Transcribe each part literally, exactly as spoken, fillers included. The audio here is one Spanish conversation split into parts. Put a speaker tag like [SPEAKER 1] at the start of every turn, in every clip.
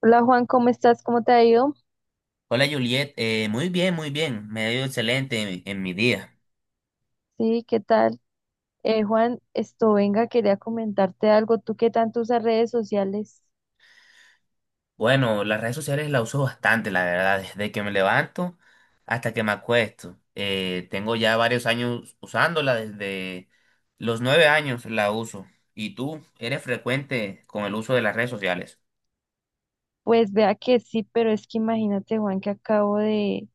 [SPEAKER 1] Hola Juan, ¿cómo estás? ¿Cómo te ha ido?
[SPEAKER 2] Hola Juliet. Eh, muy bien, muy bien, me ha ido excelente en, en mi día.
[SPEAKER 1] Sí, ¿qué tal? Eh, Juan, esto venga, quería comentarte algo. ¿Tú qué tanto usas redes sociales?
[SPEAKER 2] Bueno, las redes sociales las uso bastante, la verdad, desde que me levanto hasta que me acuesto. Eh, tengo ya varios años usándola, desde los nueve años la uso. ¿Y tú eres frecuente con el uso de las redes sociales?
[SPEAKER 1] Pues vea que sí, pero es que imagínate, Juan, que acabo de,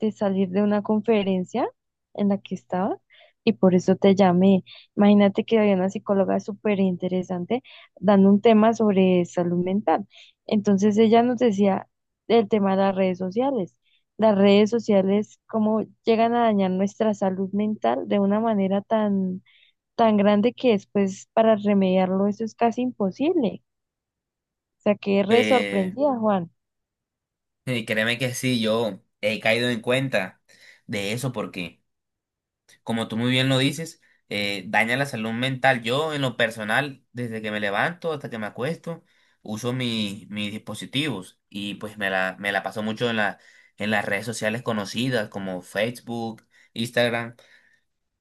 [SPEAKER 1] de salir de una conferencia en la que estaba y por eso te llamé. Imagínate que había una psicóloga súper interesante dando un tema sobre salud mental. Entonces ella nos decía el tema de las redes sociales. Las redes sociales, cómo llegan a dañar nuestra salud mental de una manera tan, tan grande que después para remediarlo eso es casi imposible. O sea, quedé re
[SPEAKER 2] Eh,
[SPEAKER 1] sorprendida, Juan.
[SPEAKER 2] y créeme que sí, yo he caído en cuenta de eso porque... como tú muy bien lo dices, eh, daña la salud mental. Yo, en lo personal, desde que me levanto hasta que me acuesto, uso mi- mis dispositivos y pues me la, me la paso mucho en la, en las redes sociales conocidas como Facebook, Instagram,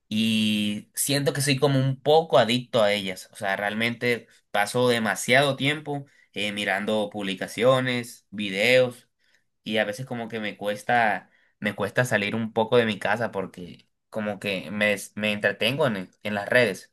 [SPEAKER 2] y siento que soy como un poco adicto a ellas. O sea, realmente paso demasiado tiempo eh, mirando publicaciones, videos, y a veces como que me cuesta, me cuesta salir un poco de mi casa porque como que me, des- me entretengo en, en las redes,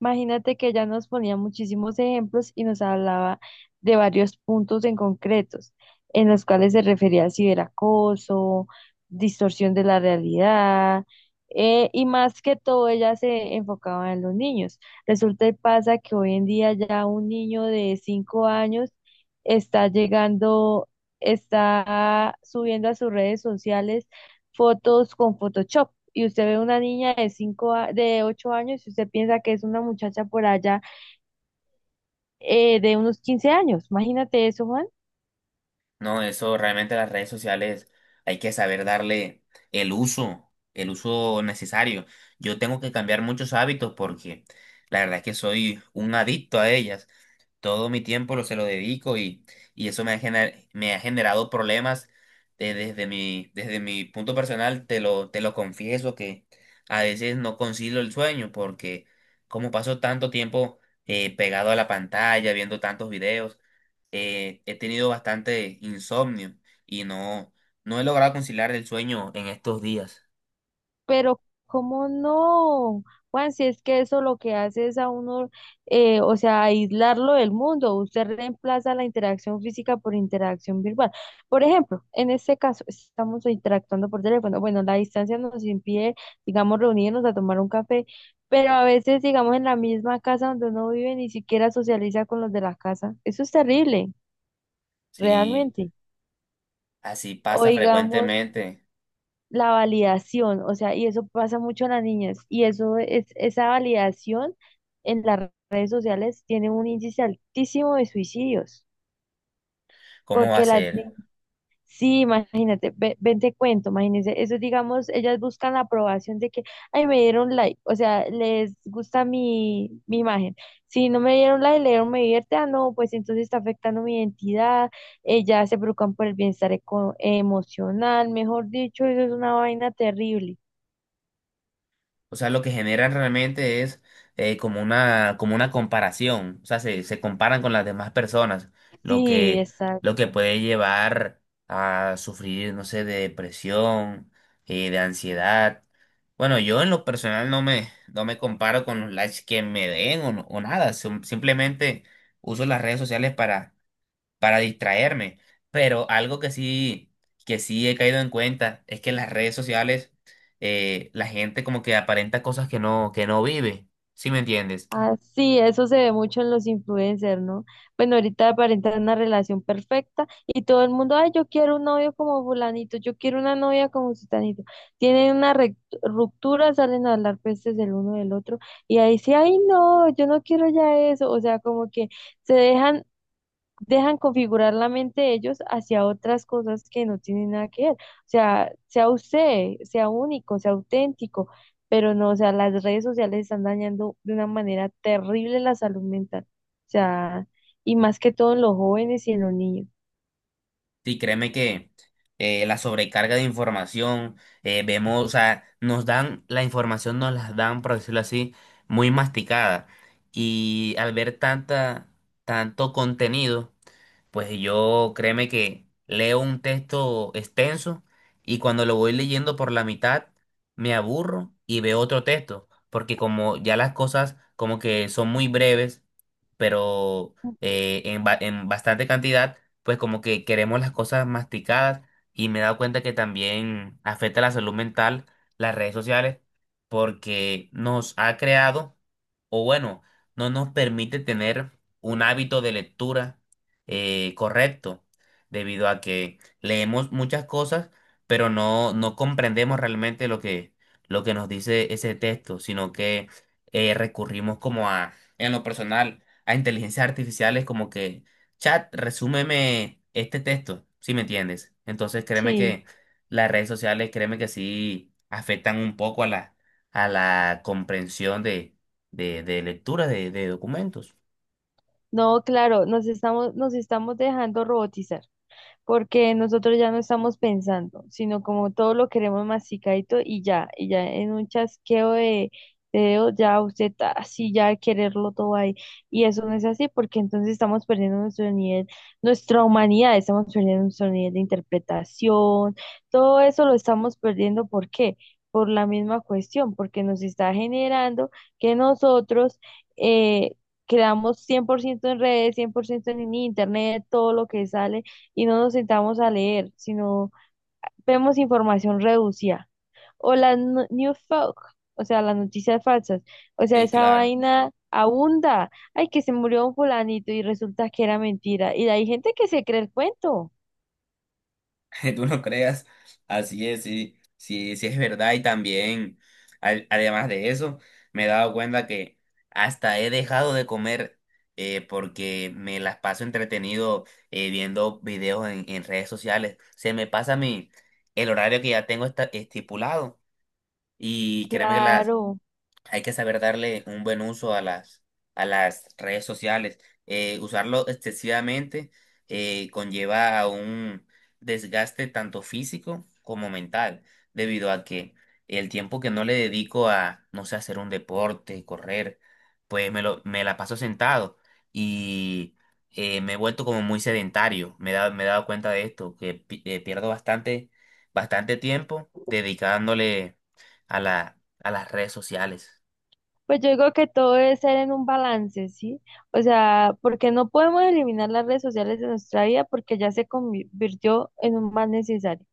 [SPEAKER 1] Imagínate que ella nos ponía muchísimos ejemplos y nos hablaba de varios puntos en concretos, en los cuales se refería al ciberacoso, distorsión de la realidad, eh, y más que todo ella se enfocaba en los niños. Resulta y pasa que hoy en día ya un niño de cinco años está llegando, está subiendo a sus redes sociales fotos con Photoshop y usted ve una niña de cinco, a- de ocho años y usted piensa que es una muchacha por allá eh, de unos quince años. Imagínate eso, Juan.
[SPEAKER 2] ¿no? Eso realmente las redes sociales hay que saber darle el uso, el uso necesario. Yo tengo que cambiar muchos hábitos porque la verdad es que soy un adicto a ellas. Todo mi tiempo lo, se lo dedico y, y eso me ha, gener- me ha generado problemas de- desde mi, desde mi punto personal, te lo, te lo confieso que a veces no concilio el sueño porque como paso tanto tiempo eh, pegado a la pantalla, viendo tantos videos. Eh, he tenido bastante insomnio y no, no he logrado conciliar el sueño en estos días.
[SPEAKER 1] Pero, ¿cómo no? Juan, si es que eso lo que hace es a uno, eh, o sea, aislarlo del mundo. Usted reemplaza la interacción física por interacción virtual. Por ejemplo, en este caso, estamos interactuando por teléfono. Bueno, la distancia nos impide, digamos, reunirnos a tomar un café, pero a veces, digamos, en la misma casa donde uno vive, ni siquiera socializa con los de la casa. Eso es terrible,
[SPEAKER 2] Sí,
[SPEAKER 1] realmente.
[SPEAKER 2] así
[SPEAKER 1] O
[SPEAKER 2] pasa
[SPEAKER 1] digamos
[SPEAKER 2] frecuentemente.
[SPEAKER 1] la validación, o sea, y eso pasa mucho en las niñas, y eso es, esa validación en las redes sociales tiene un índice altísimo de suicidios,
[SPEAKER 2] ¿Cómo va a
[SPEAKER 1] porque las,
[SPEAKER 2] ser?
[SPEAKER 1] ni- sí, imagínate, ve, ven te cuento, imagínense, eso digamos, ellas buscan la aprobación de que, ay, me dieron like, o sea, les gusta mi, mi imagen, si no me dieron like, le dieron me divierte, ah, no, pues entonces está afectando mi identidad, ellas se preocupan por el bienestar eco- emocional, mejor dicho, eso es una vaina terrible.
[SPEAKER 2] O sea, lo que generan realmente es eh, como una, como una comparación. O sea, se, se comparan con las demás personas, lo
[SPEAKER 1] Sí,
[SPEAKER 2] que, lo que
[SPEAKER 1] exacto.
[SPEAKER 2] puede llevar a sufrir, no sé, de depresión, eh, de ansiedad. Bueno, yo en lo personal no me, no me comparo con los likes que me den o, no- o nada. Sim- simplemente uso las redes sociales para para distraerme. Pero algo que sí, que sí he caído en cuenta es que en las redes sociales eh, la gente como que aparenta cosas que no, que no vive. ¿Sí me entiendes?
[SPEAKER 1] Así, eso se ve mucho en los influencers, ¿no? Bueno, ahorita aparentan una relación perfecta y todo el mundo, ay, yo quiero un novio como fulanito, yo quiero una novia como sutanito. Tienen una rec- ruptura, salen a hablar pestes del uno del otro y ahí sí, ay, no, yo no quiero ya eso. O sea, como que se dejan dejan configurar la mente ellos hacia otras cosas que no tienen nada que ver. O sea, sea usted, sea único, sea auténtico, pero no, o sea, las redes sociales están dañando de una manera terrible la salud mental. O sea, y más que todo en los jóvenes y en los niños.
[SPEAKER 2] Sí, créeme que eh, la sobrecarga de información, eh, vemos, o sea, nos dan, la información nos las dan, por decirlo así, muy masticada. Y al ver tanta, tanto contenido, pues yo créeme que leo un texto extenso y cuando lo voy leyendo por la mitad me aburro y veo otro texto, porque como ya las cosas como que son muy breves, pero eh, en, ba- en bastante cantidad, pues como que queremos las cosas masticadas y me he dado cuenta que también afecta la salud mental las redes sociales porque nos ha creado, o bueno, no nos permite tener un hábito de lectura eh, correcto, debido a que leemos muchas cosas, pero no, no comprendemos realmente lo que, lo que nos dice ese texto, sino que eh, recurrimos como a, en lo personal, a inteligencias artificiales como que, chat, resúmeme este texto, si me entiendes. Entonces créeme
[SPEAKER 1] Sí,
[SPEAKER 2] que las redes sociales, créeme que sí afectan un poco a la, a la comprensión de, de, de lectura de, de documentos.
[SPEAKER 1] no, claro, nos estamos, nos estamos dejando robotizar. Porque nosotros ya no estamos pensando, sino como todo lo queremos masticadito y ya, y ya en un chasqueo de, de dedos ya usted así ya quererlo todo ahí. Y eso no es así porque entonces estamos perdiendo nuestro nivel, nuestra humanidad, estamos perdiendo nuestro nivel de interpretación, todo eso lo estamos perdiendo, ¿por qué? Por la misma cuestión, porque nos está generando que nosotros eh, creamos cien por ciento en redes, cien por ciento en internet, todo lo que sale y no nos sentamos a leer, sino vemos información reducida. O las no- New Folk, o sea, las noticias falsas. O sea,
[SPEAKER 2] Sí,
[SPEAKER 1] esa
[SPEAKER 2] claro.
[SPEAKER 1] vaina abunda. Ay, que se murió un fulanito y resulta que era mentira. Y hay gente que se cree el cuento.
[SPEAKER 2] Tú no creas, así es, sí, sí, sí es verdad y también, al- además de eso, me he dado cuenta que hasta he dejado de comer eh, porque me las paso entretenido eh, viendo videos en, en redes sociales. Se me pasa mi, el horario que ya tengo esta- estipulado y créeme que las,
[SPEAKER 1] Claro.
[SPEAKER 2] hay que saber darle un buen uso a las, a las redes sociales. Eh, usarlo excesivamente eh, conlleva a un desgaste tanto físico como mental, debido a que el tiempo que no le dedico a, no sé, hacer un deporte, correr, pues me lo, me la paso sentado y eh, me he vuelto como muy sedentario. Me he dado, me he dado cuenta de esto, que pi- eh, pierdo bastante, bastante tiempo dedicándole a la, a las redes sociales.
[SPEAKER 1] Pues yo digo que todo debe ser en un balance, ¿sí? O sea, porque no podemos eliminar las redes sociales de nuestra vida porque ya se convirtió en un mal necesario.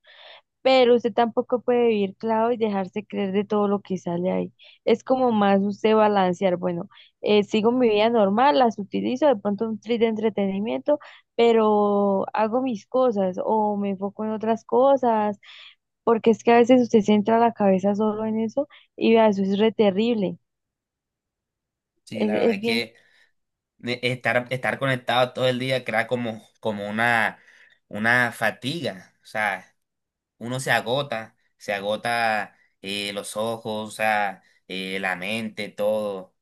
[SPEAKER 1] Pero usted tampoco puede vivir claro y dejarse creer de todo lo que sale ahí. Es como más usted balancear, bueno, eh, sigo mi vida normal, las utilizo, de pronto un trip de entretenimiento, pero hago mis cosas o me enfoco en otras cosas, porque es que a veces usted se entra la cabeza solo en eso y vea, eso es re terrible.
[SPEAKER 2] Sí,
[SPEAKER 1] Es,
[SPEAKER 2] la verdad
[SPEAKER 1] es
[SPEAKER 2] es
[SPEAKER 1] bien,
[SPEAKER 2] que eh, estar, estar conectado todo el día crea como, como una, una fatiga. O sea, uno se agota, se agota eh, los ojos, o sea, eh, la mente, todo,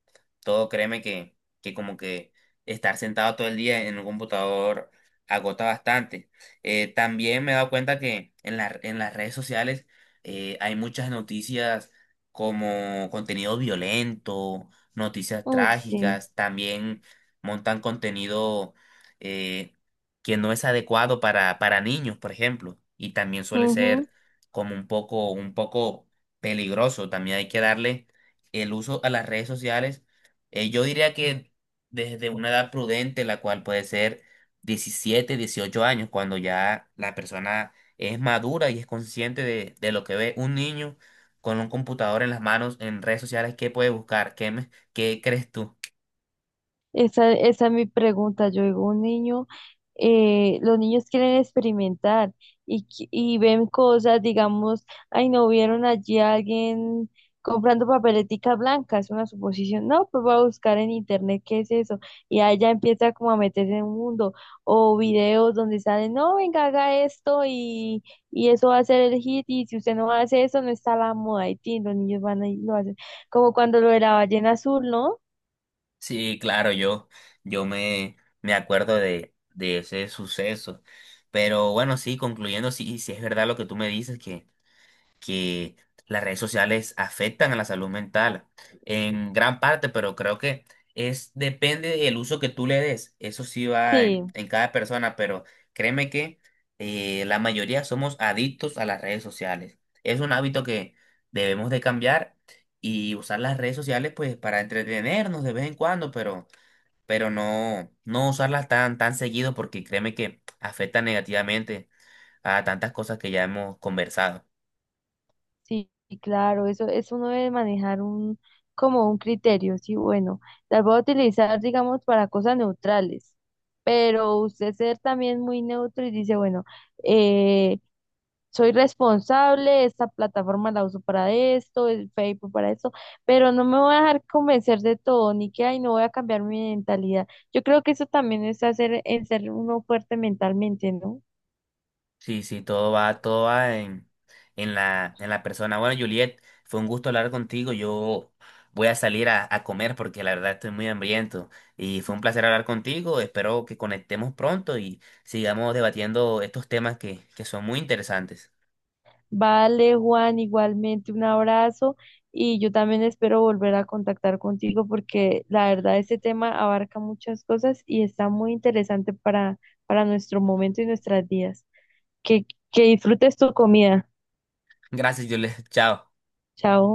[SPEAKER 2] todo, créeme que, que como que estar sentado todo el día en un computador agota bastante. Eh, también me he dado cuenta que en la- en las redes sociales eh, hay muchas noticias como contenido violento, noticias
[SPEAKER 1] uy, sí.
[SPEAKER 2] trágicas, también montan contenido... eh, que no es adecuado para, para niños, por ejemplo, y también suele ser como un poco, un poco peligroso. También hay que darle el uso a las redes sociales. Eh, yo diría que desde una edad prudente, la cual puede ser diecisiete, dieciocho años, cuando ya la persona es madura y es consciente de, de lo que ve un niño con un computador en las manos en redes sociales, ¿qué puede buscar? ¿Qué, me- qué crees tú?
[SPEAKER 1] Esa, esa es mi pregunta. Yo digo, un niño, eh, los niños quieren experimentar y, qui- y ven cosas, digamos, ay, no vieron allí a alguien comprando papeletica blanca, es una suposición. No, pues voy a buscar en internet qué es eso. Y ahí ya empieza como a meterse en un mundo. O videos donde salen, no, venga, haga esto y, y eso va a ser el hit. Y si usted no hace eso, no está la moda. Y tin, los niños van a lo hacen. Como cuando lo de la ballena azul, ¿no?
[SPEAKER 2] Sí, claro, yo, yo me, me acuerdo de, de ese suceso. Pero bueno, sí, concluyendo, sí, sí es verdad lo que tú me dices, que las redes sociales afectan a la salud mental en gran parte, pero creo que es depende del uso que tú le des. Eso sí va en,
[SPEAKER 1] Sí.
[SPEAKER 2] en cada persona, pero créeme que eh, la mayoría somos adictos a las redes sociales. Es un hábito que debemos de cambiar y usar las redes sociales pues para entretenernos de vez en cuando, pero pero no no usarlas tan tan seguido porque créeme que afecta negativamente a tantas cosas que ya hemos conversado.
[SPEAKER 1] Sí, claro, eso, eso uno debe manejar un, como un criterio, sí, bueno, las voy a utilizar, digamos, para cosas neutrales, pero usted ser también muy neutro y dice, bueno, eh, soy responsable, esta plataforma la uso para esto, el Facebook para esto, pero no me voy a dejar convencer de todo, ni que, ay, no voy a cambiar mi mentalidad. Yo creo que eso también es hacer, en ser uno fuerte mentalmente, ¿no?
[SPEAKER 2] Sí, sí, todo va, todo va en, en la, en la persona. Bueno, Juliet, fue un gusto hablar contigo. Yo voy a salir a, a comer porque la verdad estoy muy hambriento. Y fue un placer hablar contigo. Espero que conectemos pronto y sigamos debatiendo estos temas que, que son muy interesantes.
[SPEAKER 1] Vale, Juan, igualmente un abrazo y yo también espero volver a contactar contigo porque la verdad este tema abarca muchas cosas y está muy interesante para, para, nuestro momento y nuestras vidas. Que, que disfrutes tu comida.
[SPEAKER 2] Gracias, Juliet. Chao.
[SPEAKER 1] Chao.